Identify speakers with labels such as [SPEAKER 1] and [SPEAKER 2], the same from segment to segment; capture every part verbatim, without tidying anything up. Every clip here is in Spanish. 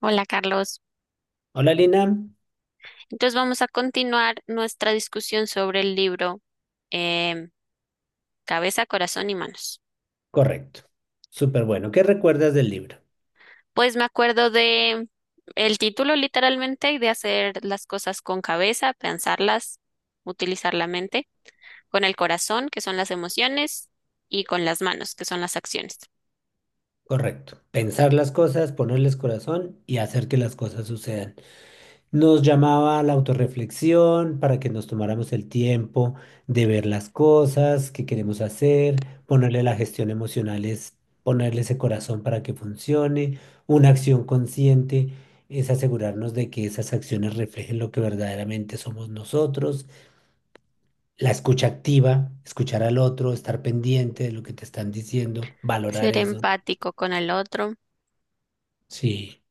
[SPEAKER 1] Hola, Carlos.
[SPEAKER 2] Hola Lina,
[SPEAKER 1] Entonces vamos a continuar nuestra discusión sobre el libro em, Cabeza, Corazón y Manos.
[SPEAKER 2] correcto. Súper bueno. ¿Qué recuerdas del libro?
[SPEAKER 1] Pues me acuerdo de el título literalmente y de hacer las cosas con cabeza, pensarlas, utilizar la mente, con el corazón, que son las emociones, y con las manos, que son las acciones.
[SPEAKER 2] Correcto. Pensar las cosas, ponerles corazón y hacer que las cosas sucedan. Nos llamaba a la autorreflexión para que nos tomáramos el tiempo de ver las cosas que queremos hacer, ponerle la gestión emocional es ponerle ese corazón para que funcione. Una acción consciente es asegurarnos de que esas acciones reflejen lo que verdaderamente somos nosotros. La escucha activa, escuchar al otro, estar pendiente de lo que te están diciendo, valorar
[SPEAKER 1] Ser
[SPEAKER 2] eso.
[SPEAKER 1] empático con el otro,
[SPEAKER 2] Sí,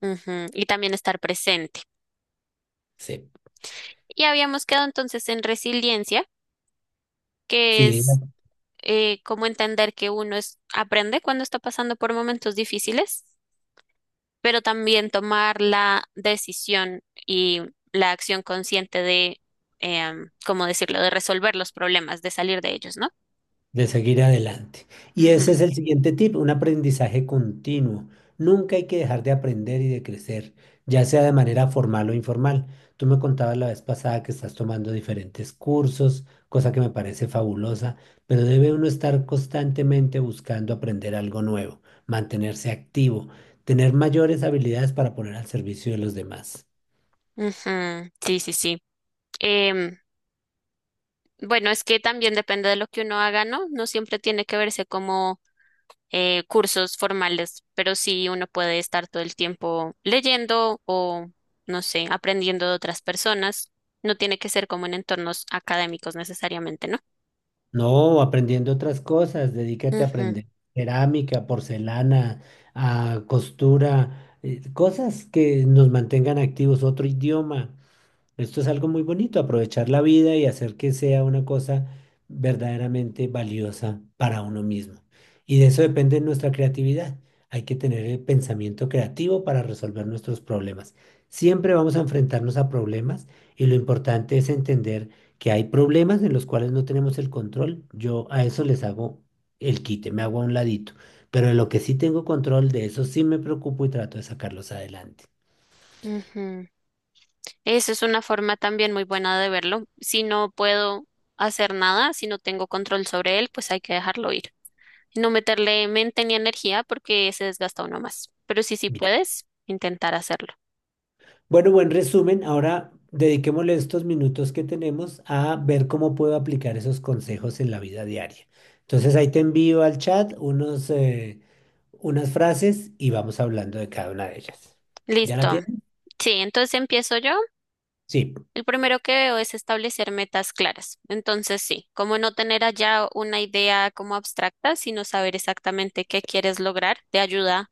[SPEAKER 1] ujú, y también estar presente.
[SPEAKER 2] sí,
[SPEAKER 1] Y habíamos quedado entonces en resiliencia, que
[SPEAKER 2] sí.
[SPEAKER 1] es eh, como entender que uno es, aprende cuando está pasando por momentos difíciles, pero también tomar la decisión y la acción consciente de, em, ¿cómo decirlo?, de resolver los problemas, de salir de ellos, ¿no?
[SPEAKER 2] De seguir adelante. Y
[SPEAKER 1] Ujú,
[SPEAKER 2] ese es el siguiente tip, un aprendizaje continuo. Nunca hay que dejar de aprender y de crecer, ya sea de manera formal o informal. Tú me contabas la vez pasada que estás tomando diferentes cursos, cosa que me parece fabulosa, pero debe uno estar constantemente buscando aprender algo nuevo, mantenerse activo, tener mayores habilidades para poner al servicio de los demás.
[SPEAKER 1] ujú, sí, sí, sí. Em, bueno, es que también depende de lo que uno haga, ¿no? No siempre tiene que verse como eh, cursos formales, pero sí uno puede estar todo el tiempo leyendo o, no sé, aprendiendo de otras personas. No tiene que ser como en entornos académicos necesariamente, ¿no?
[SPEAKER 2] No, aprendiendo otras cosas, dedícate a
[SPEAKER 1] Ujú,
[SPEAKER 2] aprender cerámica, porcelana, a costura, eh, cosas que nos mantengan activos, otro idioma. Esto es algo muy bonito, aprovechar la vida y hacer que sea una cosa verdaderamente valiosa para uno mismo. Y de eso depende nuestra creatividad. Hay que tener el pensamiento creativo para resolver nuestros problemas. Siempre vamos a enfrentarnos a problemas y lo importante es entender que hay problemas en los cuales no tenemos el control. Yo a eso les hago el quite, me hago a un ladito. Pero de lo que sí tengo control, de eso sí me preocupo y trato de sacarlos adelante.
[SPEAKER 1] ujú. Esa es una forma también muy buena de verlo. Si no puedo hacer nada, si no tengo control sobre él, pues hay que dejarlo ir. No meterle mente ni energía porque se desgasta uno más. Pero si sí puedes, intentar hacerlo.
[SPEAKER 2] Bueno, buen resumen. Ahora dediquémosle estos minutos que tenemos a ver cómo puedo aplicar esos consejos en la vida diaria. Entonces ahí te envío al chat unos, eh, unas frases y vamos hablando de cada una de ellas. ¿Ya la
[SPEAKER 1] Listo.
[SPEAKER 2] tienes?
[SPEAKER 1] Sí, entonces empiezo yo.
[SPEAKER 2] Sí.
[SPEAKER 1] El primero que veo es establecer metas claras. Entonces, sí, como no tener allá una idea como abstracta, sino saber exactamente qué quieres lograr, te ayuda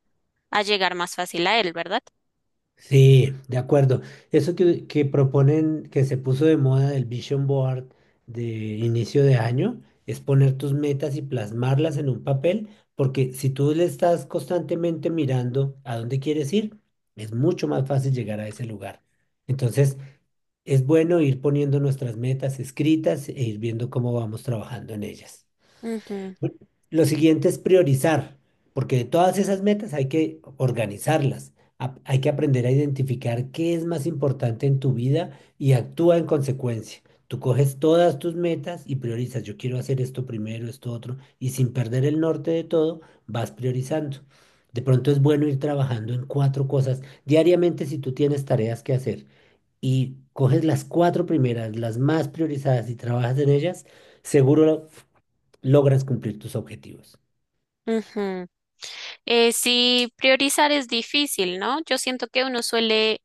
[SPEAKER 1] a llegar más fácil a él, ¿verdad?
[SPEAKER 2] Sí, de acuerdo. Eso que, que proponen, que se puso de moda del Vision Board de inicio de año, es poner tus metas y plasmarlas en un papel, porque si tú le estás constantemente mirando a dónde quieres ir, es mucho más fácil llegar a ese lugar. Entonces, es bueno ir poniendo nuestras metas escritas e ir viendo cómo vamos trabajando en ellas.
[SPEAKER 1] Ujú,
[SPEAKER 2] Lo siguiente es priorizar, porque de todas esas metas hay que organizarlas. Ap- Hay que aprender a identificar qué es más importante en tu vida y actúa en consecuencia. Tú coges todas tus metas y priorizas. Yo quiero hacer esto primero, esto otro, y sin perder el norte de todo, vas priorizando. De pronto es bueno ir trabajando en cuatro cosas diariamente si tú tienes tareas que hacer y coges las cuatro primeras, las más priorizadas y trabajas en ellas, seguro logras cumplir tus objetivos.
[SPEAKER 1] ujú. Eh, sí, priorizar es difícil, ¿no? Yo siento que uno suele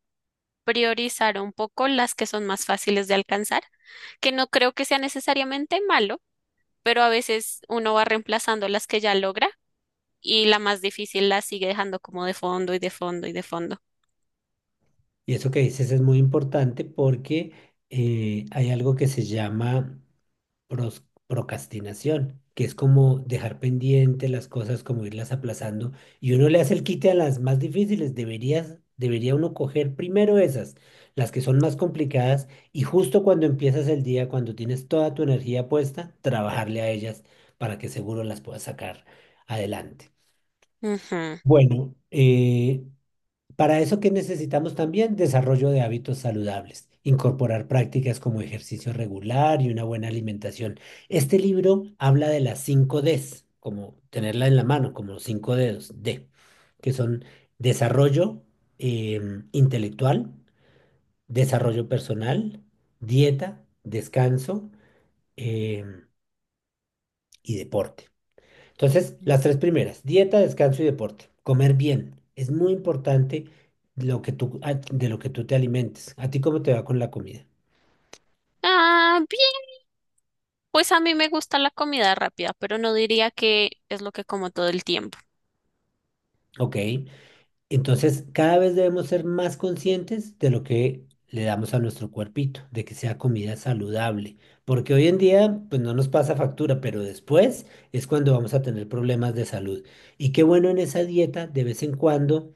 [SPEAKER 1] priorizar un poco las que son más fáciles de alcanzar, que no creo que sea necesariamente malo, pero a veces uno va reemplazando las que ya logra y la más difícil la sigue dejando como de fondo y de fondo y de fondo.
[SPEAKER 2] Y eso que dices es muy importante porque eh, hay algo que se llama pros- procrastinación, que es como dejar pendiente las cosas, como irlas aplazando. Y uno le hace el quite a las más difíciles. Deberías, debería uno coger primero esas, las que son más complicadas, y justo cuando empiezas el día, cuando tienes toda tu energía puesta, trabajarle a ellas para que seguro las puedas sacar adelante.
[SPEAKER 1] Ujú.
[SPEAKER 2] Bueno, eh, Para eso, ¿qué necesitamos también? Desarrollo de hábitos saludables, incorporar prácticas como ejercicio regular y una buena alimentación. Este libro habla de las cinco Ds, como tenerla en la mano, como los cinco dedos, D, que son desarrollo em, intelectual, desarrollo personal, dieta, descanso, em, y deporte. Entonces, las tres primeras, dieta, descanso y deporte. Comer bien. Es muy importante lo que tú, a- de lo que tú te alimentes. ¿A ti cómo te va con la comida?
[SPEAKER 1] Ah, bien. Pues a mí me gusta la comida rápida, pero no diría que es lo que como todo el tiempo,
[SPEAKER 2] Ok. Entonces, cada vez debemos ser más conscientes de lo que le damos a nuestro cuerpito, de que sea comida saludable. Porque hoy en día, pues no nos pasa factura, pero después es cuando vamos a tener problemas de salud. Y qué bueno en esa dieta, de vez en cuando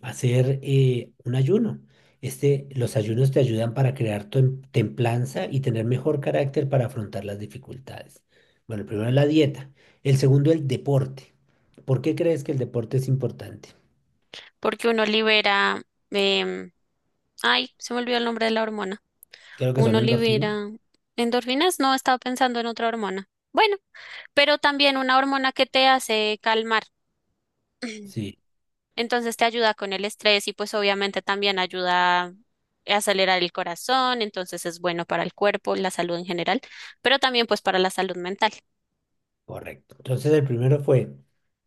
[SPEAKER 2] hacer eh, un ayuno. Este, los ayunos te ayudan para crear tem- templanza y tener mejor carácter para afrontar las dificultades. Bueno, el primero es la dieta, el segundo el deporte. ¿Por qué crees que el deporte es importante?
[SPEAKER 1] porque uno libera, em, ay, se me olvidó el nombre de la hormona.
[SPEAKER 2] Creo que son
[SPEAKER 1] Uno
[SPEAKER 2] endorfinas.
[SPEAKER 1] libera endorfinas, no, estaba pensando en otra hormona. Bueno. Pero también una hormona que te hace calmar.
[SPEAKER 2] Sí.
[SPEAKER 1] Entonces te ayuda con el estrés y pues obviamente también ayuda a acelerar el corazón, entonces es bueno para el cuerpo, la salud en general, pero también pues para la salud mental.
[SPEAKER 2] Correcto. Entonces el primero fue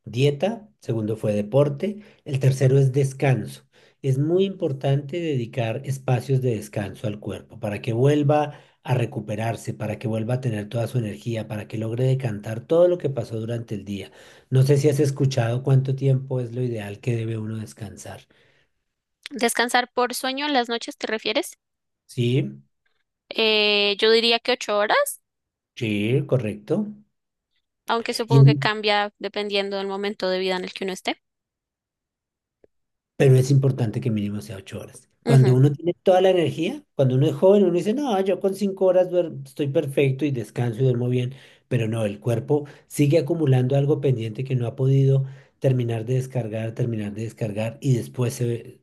[SPEAKER 2] dieta, segundo fue deporte, el tercero es descanso. Es muy importante dedicar espacios de descanso al cuerpo para que vuelva a recuperarse, para que vuelva a tener toda su energía, para que logre decantar todo lo que pasó durante el día. No sé si has escuchado cuánto tiempo es lo ideal que debe uno descansar.
[SPEAKER 1] Descansar por sueño en las noches, ¿te refieres?
[SPEAKER 2] Sí,
[SPEAKER 1] Eh, yo diría que ocho horas,
[SPEAKER 2] sí, correcto.
[SPEAKER 1] aunque
[SPEAKER 2] Y,
[SPEAKER 1] supongo que cambia dependiendo del momento de vida en el que uno esté.
[SPEAKER 2] pero es importante que mínimo sea ocho horas. Cuando
[SPEAKER 1] Ujú,
[SPEAKER 2] uno tiene toda la energía, cuando uno es joven, uno dice, no, yo con cinco horas duerm- estoy perfecto y descanso y duermo bien, pero no, el cuerpo sigue acumulando algo pendiente que no ha podido terminar de descargar, terminar de descargar y después se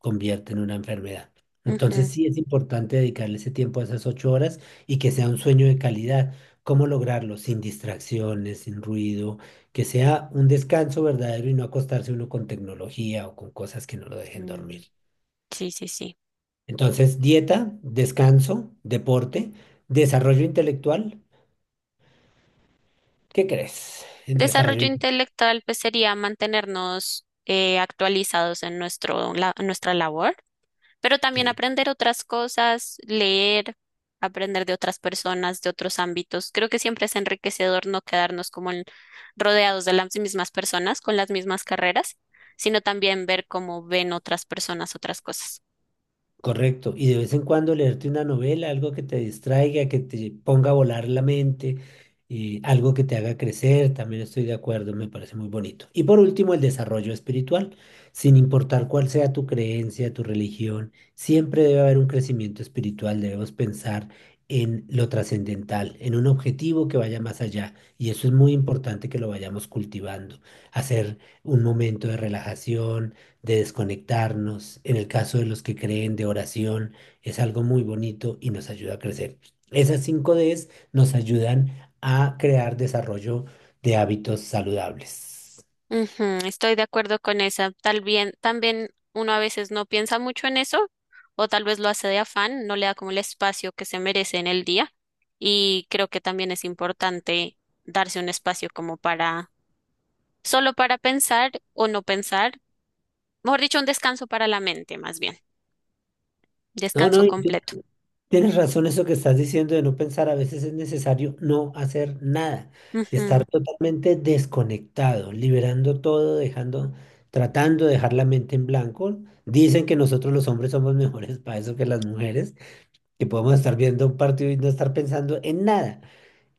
[SPEAKER 2] convierte en una enfermedad.
[SPEAKER 1] ujú,
[SPEAKER 2] Entonces sí es importante dedicarle ese tiempo a esas ocho horas y que sea un sueño de calidad. ¿Cómo lograrlo? Sin distracciones, sin ruido, que sea un descanso verdadero y no acostarse uno con tecnología o con cosas que no lo dejen dormir.
[SPEAKER 1] mm, sí, sí, sí.
[SPEAKER 2] Entonces, dieta, descanso, deporte, desarrollo intelectual. ¿Qué crees en desarrollo
[SPEAKER 1] Desarrollo
[SPEAKER 2] intelectual?
[SPEAKER 1] intelectual, pues sería mantenernos eh, actualizados en nuestro, la- en nuestra labor, pero también aprender otras cosas, leer, aprender de otras personas, de otros ámbitos. Creo que siempre es enriquecedor no quedarnos como en- rodeados de las mismas personas, con las mismas carreras, sino también ver cómo ven otras personas otras cosas.
[SPEAKER 2] Correcto. Y de vez en cuando leerte una novela, algo que te distraiga, que te ponga a volar la mente, eh, algo que te haga crecer, también estoy de acuerdo, me parece muy bonito. Y por último, el desarrollo espiritual. Sin importar cuál sea tu creencia, tu religión, siempre debe haber un crecimiento espiritual, debemos pensar en lo trascendental, en un objetivo que vaya más allá. Y eso es muy importante que lo vayamos cultivando. Hacer un momento de relajación, de desconectarnos, en el caso de los que creen de oración, es algo muy bonito y nos ayuda a crecer. Esas cinco ds nos ayudan a crear desarrollo de hábitos saludables.
[SPEAKER 1] Ujú, estoy de acuerdo con esa. Tal bien, también uno a veces no piensa mucho en eso, o tal vez lo hace de afán, no le da como el espacio que se merece en el día. Y creo que también es importante darse un espacio como para, solo para pensar o no pensar, mejor dicho, un descanso para la mente, más bien,
[SPEAKER 2] No,
[SPEAKER 1] descanso
[SPEAKER 2] no, y tú
[SPEAKER 1] completo.
[SPEAKER 2] tienes razón eso que estás diciendo de no pensar, a veces es necesario no hacer nada, estar totalmente desconectado, liberando todo, dejando, tratando de dejar la mente en blanco. Dicen que nosotros los hombres somos mejores para eso que las mujeres, que podemos estar viendo un partido y no estar pensando en nada.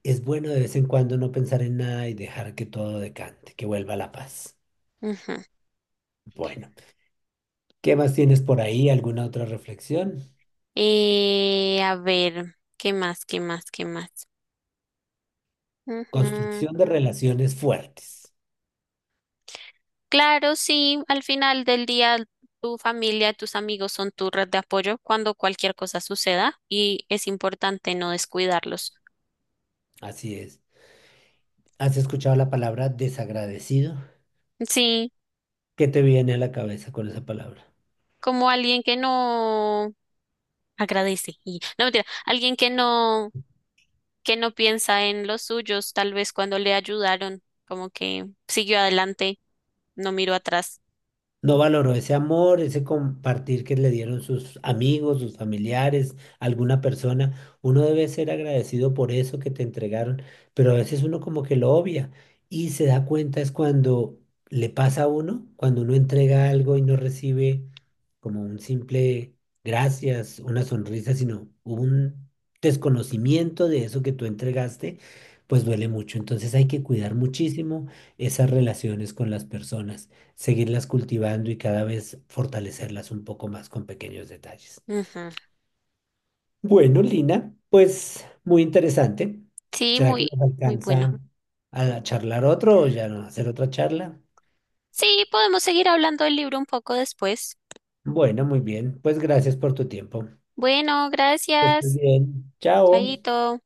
[SPEAKER 2] Es bueno de vez en cuando no pensar en nada y dejar que todo decante, que vuelva la paz.
[SPEAKER 1] Ujú, ujú.
[SPEAKER 2] Bueno, ¿qué más tienes por ahí? ¿Alguna otra reflexión?
[SPEAKER 1] Eh, a ver, ¿qué más? ¿Qué más? ¿Qué más? Ujú.
[SPEAKER 2] Construcción de relaciones fuertes.
[SPEAKER 1] Claro, sí, al final del día tu familia, tus amigos son tu red de apoyo cuando cualquier cosa suceda y es importante no descuidarlos.
[SPEAKER 2] Así es. ¿Has escuchado la palabra desagradecido?
[SPEAKER 1] Sí,
[SPEAKER 2] ¿Qué te viene a la cabeza con esa palabra?
[SPEAKER 1] como alguien que no agradece y no mentira, alguien que no que no piensa en los suyos, tal vez cuando le ayudaron, como que siguió adelante, no miró atrás.
[SPEAKER 2] No valoró ese amor, ese compartir que le dieron sus amigos, sus familiares, alguna persona. Uno debe ser agradecido por eso que te entregaron, pero a veces uno como que lo obvia y se da cuenta es cuando le pasa a uno, cuando uno entrega algo y no recibe como un simple gracias, una sonrisa, sino un desconocimiento de eso que tú entregaste, pues duele mucho. Entonces hay que cuidar muchísimo esas relaciones con las personas, seguirlas cultivando y cada vez fortalecerlas un poco más con pequeños detalles.
[SPEAKER 1] Ujú.
[SPEAKER 2] Bueno, Lina, pues muy interesante.
[SPEAKER 1] Sí,
[SPEAKER 2] ¿Será que
[SPEAKER 1] muy
[SPEAKER 2] nos
[SPEAKER 1] muy bueno.
[SPEAKER 2] alcanza a charlar otro o ya no hacer otra charla?
[SPEAKER 1] Sí, podemos seguir hablando del libro un poco después.
[SPEAKER 2] Bueno, muy bien. Pues gracias por tu tiempo.
[SPEAKER 1] Bueno,
[SPEAKER 2] Que estés
[SPEAKER 1] gracias.
[SPEAKER 2] bien. Chao.
[SPEAKER 1] Chaito.